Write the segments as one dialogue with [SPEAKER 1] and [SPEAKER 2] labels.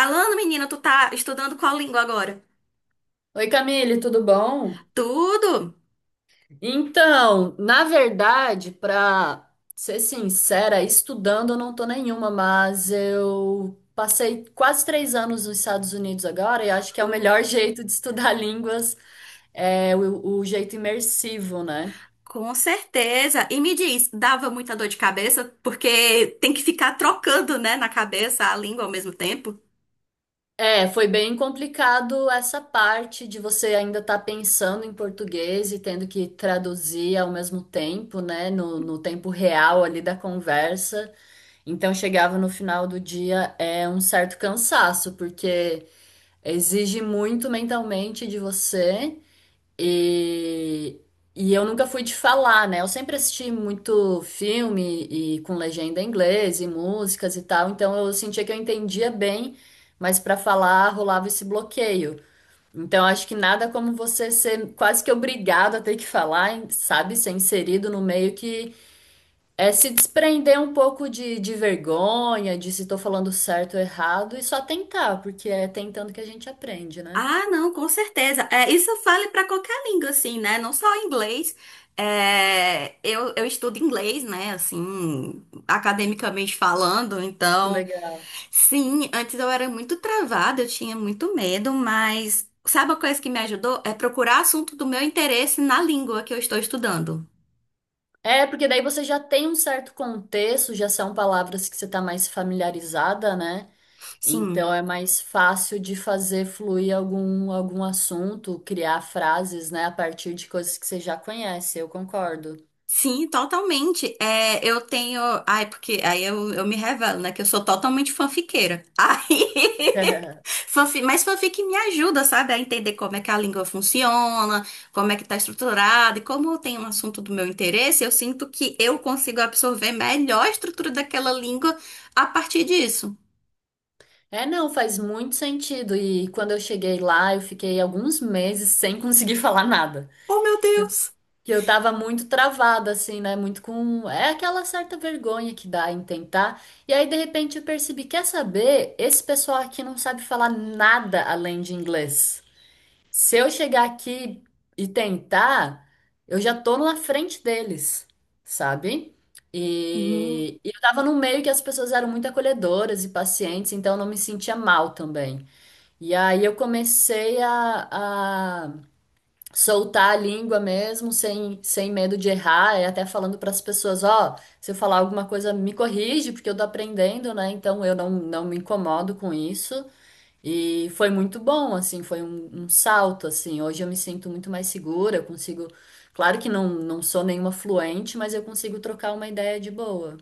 [SPEAKER 1] Alana, menina, tu tá estudando qual língua agora?
[SPEAKER 2] Oi, Camille, tudo bom?
[SPEAKER 1] Tudo?
[SPEAKER 2] Então, na verdade, para ser sincera, estudando eu não tô nenhuma, mas eu passei quase 3 anos nos Estados Unidos agora e acho que é o melhor jeito de estudar línguas, é o jeito imersivo, né?
[SPEAKER 1] Com certeza. E me diz, dava muita dor de cabeça? Porque tem que ficar trocando, né, na cabeça a língua ao mesmo tempo.
[SPEAKER 2] É, foi bem complicado essa parte de você ainda estar pensando em português e tendo que traduzir ao mesmo tempo, né? No tempo real ali da conversa. Então chegava no final do dia é um certo cansaço, porque exige muito mentalmente de você e, e eu nunca fui de falar, né? Eu sempre assisti muito filme e com legenda em inglês e músicas e tal, então eu sentia que eu entendia bem, mas para falar rolava esse bloqueio. Então acho que nada como você ser quase que obrigado a ter que falar, sabe? Ser inserido no meio que é se desprender um pouco de vergonha, de se tô falando certo ou errado, e só tentar, porque é tentando que a gente aprende, né?
[SPEAKER 1] Ah, não, com certeza. É, isso eu falo para qualquer língua, assim, né? Não só inglês. É, eu estudo inglês, né? Assim, academicamente falando.
[SPEAKER 2] Que
[SPEAKER 1] Então,
[SPEAKER 2] legal.
[SPEAKER 1] sim, antes eu era muito travada, eu tinha muito medo, mas sabe a coisa que me ajudou? É procurar assunto do meu interesse na língua que eu estou estudando.
[SPEAKER 2] É, porque daí você já tem um certo contexto, já são palavras que você tá mais familiarizada, né?
[SPEAKER 1] Sim.
[SPEAKER 2] Então é mais fácil de fazer fluir algum assunto, criar frases, né, a partir de coisas que você já conhece, eu concordo.
[SPEAKER 1] Sim, totalmente. É, eu tenho. Ai, porque aí eu me revelo, né? Que eu sou totalmente fanfiqueira. Aí. Fanfic, mas fanfic me ajuda, sabe, a entender como é que a língua funciona, como é que tá estruturada, e como eu tenho um assunto do meu interesse, eu sinto que eu consigo absorver melhor a estrutura daquela língua a partir disso.
[SPEAKER 2] É, não, faz muito sentido. E quando eu cheguei lá, eu fiquei alguns meses sem conseguir falar nada.
[SPEAKER 1] Oh, meu
[SPEAKER 2] Que eu,
[SPEAKER 1] Deus!
[SPEAKER 2] que eu tava muito travada, assim, né? Muito com. É aquela certa vergonha que dá em tentar. E aí, de repente, eu percebi: quer saber? Esse pessoal aqui não sabe falar nada além de inglês. Se eu chegar aqui e tentar, eu já tô na frente deles, sabe?
[SPEAKER 1] Hum.
[SPEAKER 2] E eu tava num meio que as pessoas eram muito acolhedoras e pacientes, então eu não me sentia mal também. E aí eu comecei a, soltar a língua mesmo, sem medo de errar, e até falando para as pessoas, ó, se eu falar alguma coisa, me corrige, porque eu tô aprendendo, né? Então eu não me incomodo com isso. E foi muito bom, assim, foi um salto, assim. Hoje eu me sinto muito mais segura, eu consigo. Claro que não sou nenhuma fluente, mas eu consigo trocar uma ideia de boa.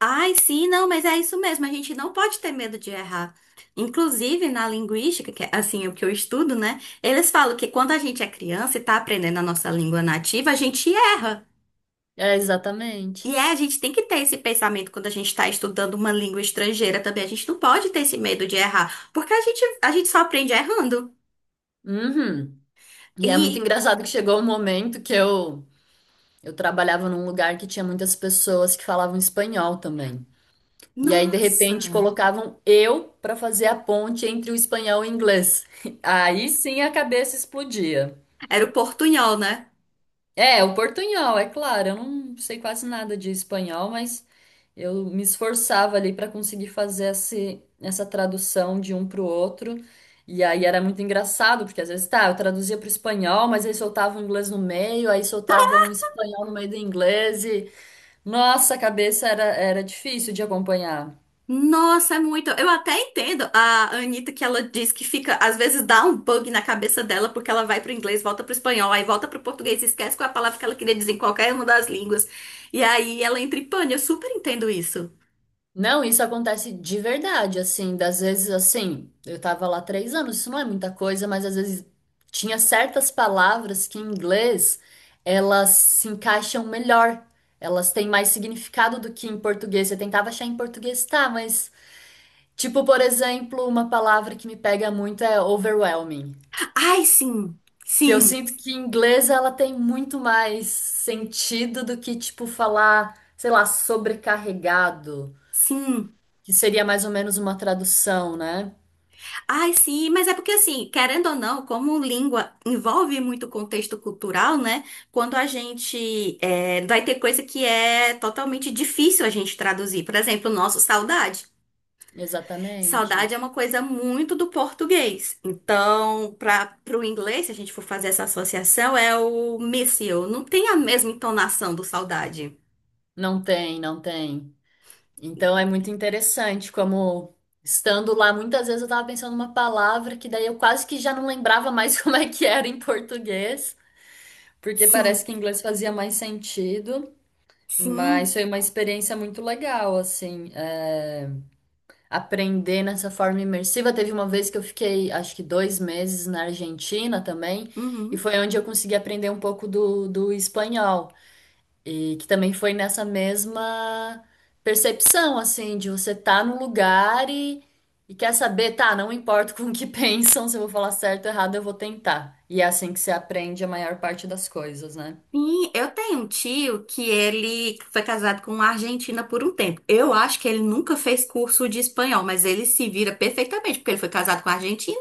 [SPEAKER 1] Ai, sim, não, mas é isso mesmo, a gente não pode ter medo de errar. Inclusive, na linguística, que é assim, o que eu estudo, né? Eles falam que quando a gente é criança e tá aprendendo a nossa língua nativa, a gente erra.
[SPEAKER 2] É, exatamente.
[SPEAKER 1] E é, a gente tem que ter esse pensamento quando a gente está estudando uma língua estrangeira também. A gente não pode ter esse medo de errar, porque a gente só aprende errando.
[SPEAKER 2] Uhum. E é muito
[SPEAKER 1] E,
[SPEAKER 2] engraçado que chegou um momento que eu trabalhava num lugar que tinha muitas pessoas que falavam espanhol também. E aí, de repente,
[SPEAKER 1] nossa,
[SPEAKER 2] colocavam eu para fazer a ponte entre o espanhol e o inglês. Aí sim a cabeça explodia.
[SPEAKER 1] era o portunhol, né?
[SPEAKER 2] É, o portunhol, é claro, eu não sei quase nada de espanhol, mas eu me esforçava ali para conseguir fazer essa tradução de um para o outro. E aí era muito engraçado, porque às vezes, tá, eu traduzia para o espanhol, mas aí soltava o inglês no meio, aí soltava um espanhol no meio do inglês e, nossa, a cabeça era difícil de acompanhar.
[SPEAKER 1] Nossa, é muito. Eu até entendo a Anitta que ela diz que fica, às vezes dá um bug na cabeça dela, porque ela vai pro inglês, volta pro espanhol, aí volta pro português, e esquece qual é a palavra que ela queria dizer em qualquer uma das línguas. E aí ela entra em pane. Eu super entendo isso.
[SPEAKER 2] Não, isso acontece de verdade, assim, das vezes assim, eu tava lá 3 anos, isso não é muita coisa, mas às vezes tinha certas palavras que em inglês elas se encaixam melhor, elas têm mais significado do que em português. Eu tentava achar em português, tá, mas tipo, por exemplo, uma palavra que me pega muito é overwhelming,
[SPEAKER 1] Ai, sim,
[SPEAKER 2] que eu
[SPEAKER 1] sim,
[SPEAKER 2] sinto que em inglês ela tem muito mais sentido do que tipo falar, sei lá, sobrecarregado.
[SPEAKER 1] sim.
[SPEAKER 2] Que seria mais ou menos uma tradução, né?
[SPEAKER 1] Ai, sim, mas é porque assim, querendo ou não, como língua envolve muito contexto cultural, né? Quando a gente é, vai ter coisa que é totalmente difícil a gente traduzir. Por exemplo, o nosso saudade.
[SPEAKER 2] Exatamente.
[SPEAKER 1] Saudade é uma coisa muito do português. Então, para o inglês, se a gente for fazer essa associação, é o miss you. Não tem a mesma entonação do saudade.
[SPEAKER 2] Não tem, não tem. Então é muito interessante como estando lá, muitas vezes eu tava pensando numa palavra que daí eu quase que já não lembrava mais como é que era em português, porque parece
[SPEAKER 1] Sim,
[SPEAKER 2] que em inglês fazia mais sentido. Mas
[SPEAKER 1] sim.
[SPEAKER 2] foi uma experiência muito legal, assim, é, aprender nessa forma imersiva. Teve uma vez que eu fiquei, acho que 2 meses na Argentina também, e
[SPEAKER 1] Uhum.
[SPEAKER 2] foi onde eu consegui aprender um pouco do espanhol. E que também foi nessa mesma percepção, assim, de você tá no lugar e quer saber, tá, não importa com o que pensam, se eu vou falar certo ou errado, eu vou tentar. E é assim que você aprende a maior parte das coisas, né?
[SPEAKER 1] Sim, eu tenho um tio que ele foi casado com uma argentina por um tempo. Eu acho que ele nunca fez curso de espanhol, mas ele se vira perfeitamente, porque ele foi casado com a argentina.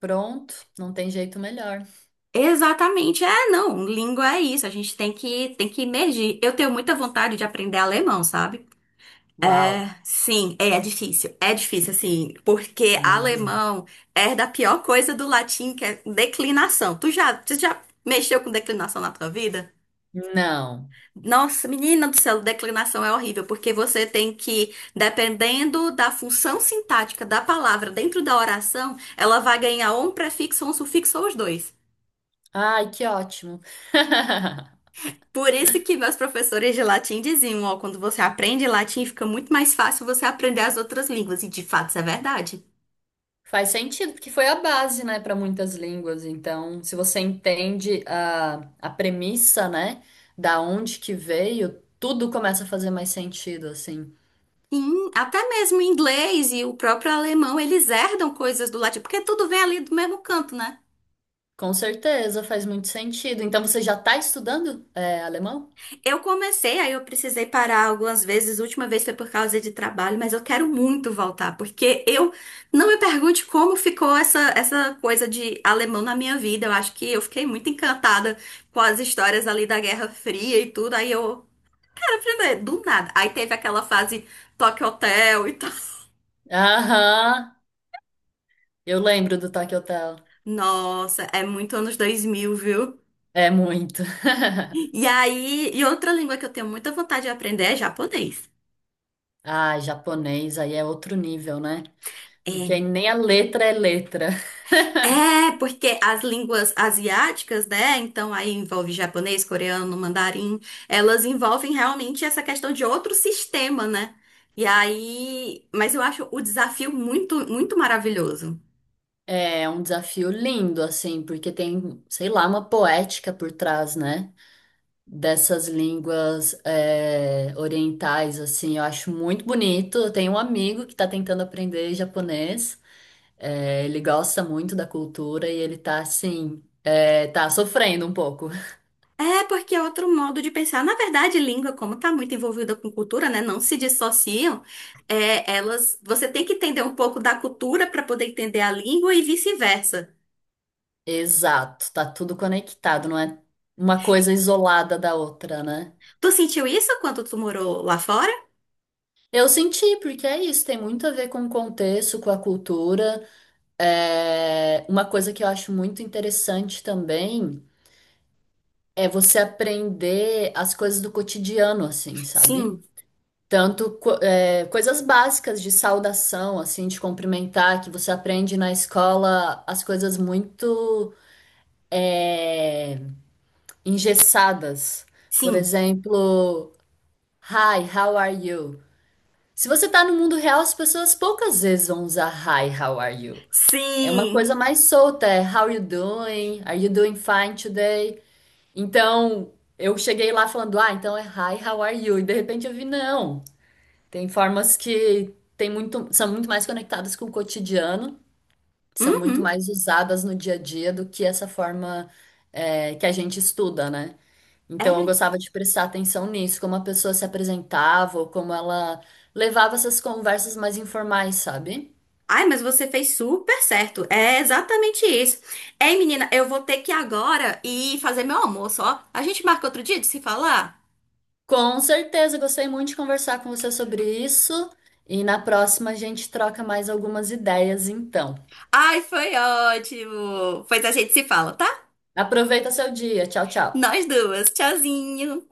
[SPEAKER 2] Pronto, não tem jeito melhor.
[SPEAKER 1] Exatamente. É, não, língua é isso, a gente tem que emergir. Eu tenho muita vontade de aprender alemão, sabe?
[SPEAKER 2] Uau.
[SPEAKER 1] Sim, é, é difícil. É difícil assim, porque
[SPEAKER 2] Aham.
[SPEAKER 1] alemão é da pior coisa do latim, que é declinação. Tu já mexeu com declinação na tua vida?
[SPEAKER 2] Não.
[SPEAKER 1] Nossa, menina do céu, declinação é horrível, porque você tem que, dependendo da função sintática da palavra dentro da oração, ela vai ganhar ou um prefixo, ou um sufixo, ou os dois.
[SPEAKER 2] Ai, que ótimo.
[SPEAKER 1] Por isso que meus professores de latim diziam, ó, quando você aprende latim, fica muito mais fácil você aprender as outras línguas, e de fato isso é verdade.
[SPEAKER 2] Faz sentido, porque foi a base, né, para muitas línguas. Então, se você entende a premissa, né, da onde que veio, tudo começa a fazer mais sentido, assim.
[SPEAKER 1] Sim, até mesmo o inglês e o próprio alemão, eles herdam coisas do latim, porque tudo vem ali do mesmo canto, né?
[SPEAKER 2] Com certeza, faz muito sentido. Então, você já tá estudando, é, alemão?
[SPEAKER 1] Eu comecei, aí eu precisei parar algumas vezes. A última vez foi por causa de trabalho, mas eu quero muito voltar, porque eu não me pergunte como ficou essa coisa de alemão na minha vida. Eu acho que eu fiquei muito encantada com as histórias ali da Guerra Fria e tudo. Aí eu, do nada. Aí teve aquela fase Tokyo Hotel e tal.
[SPEAKER 2] Aham, eu lembro do Tokyo Hotel.
[SPEAKER 1] Nossa, é muito anos 2000, viu?
[SPEAKER 2] É muito.
[SPEAKER 1] E aí, e outra língua que eu tenho muita vontade de aprender é japonês.
[SPEAKER 2] Ah, japonês, aí é outro nível, né? Porque
[SPEAKER 1] É.
[SPEAKER 2] aí nem a letra.
[SPEAKER 1] É, porque as línguas asiáticas, né? Então aí envolve japonês, coreano, mandarim, elas envolvem realmente essa questão de outro sistema, né? E aí, mas eu acho o desafio muito, muito maravilhoso.
[SPEAKER 2] É um desafio lindo, assim, porque tem, sei lá, uma poética por trás, né? Dessas línguas é, orientais, assim, eu acho muito bonito. Eu tenho um amigo que está tentando aprender japonês, é, ele gosta muito da cultura e ele tá assim, é, tá sofrendo um pouco.
[SPEAKER 1] É, porque é outro modo de pensar. Na verdade, língua, como está muito envolvida com cultura, né? Não se dissociam. É, elas, você tem que entender um pouco da cultura para poder entender a língua e vice-versa.
[SPEAKER 2] Exato, tá tudo conectado, não é uma coisa isolada da outra, né?
[SPEAKER 1] Tu sentiu isso quando tu morou lá fora?
[SPEAKER 2] Eu senti, porque é isso, tem muito a ver com o contexto, com a cultura. É, uma coisa que eu acho muito interessante também. É você aprender as coisas do cotidiano, assim, sabe?
[SPEAKER 1] Sim,
[SPEAKER 2] Tanto é, coisas básicas de saudação, assim, de cumprimentar, que você aprende na escola as coisas muito é, engessadas. Por
[SPEAKER 1] sim,
[SPEAKER 2] exemplo, Hi, how are you? Se você tá no mundo real, as pessoas poucas vezes vão usar Hi, how are you? É uma
[SPEAKER 1] sim.
[SPEAKER 2] coisa mais solta, é How you doing? Are you doing fine today? Então, eu cheguei lá falando, ah, então é hi, how are you? E de repente eu vi, não. Tem formas que tem muito, são muito mais conectadas com o cotidiano, são muito
[SPEAKER 1] Uhum,
[SPEAKER 2] mais usadas no dia a dia do que essa forma é, que a gente estuda, né? Então, eu
[SPEAKER 1] é.
[SPEAKER 2] gostava de prestar atenção nisso, como a pessoa se apresentava, ou como ela levava essas conversas mais informais, sabe?
[SPEAKER 1] Ai, mas você fez super certo. É exatamente isso. Ei, menina, eu vou ter que ir agora e fazer meu almoço, ó. A gente marca outro dia de se falar?
[SPEAKER 2] Com certeza, gostei muito de conversar com você sobre isso. E na próxima a gente troca mais algumas ideias, então.
[SPEAKER 1] Ai, foi ótimo. Pois a gente se fala, tá?
[SPEAKER 2] Aproveita seu dia. Tchau, tchau.
[SPEAKER 1] Nós duas. Tchauzinho.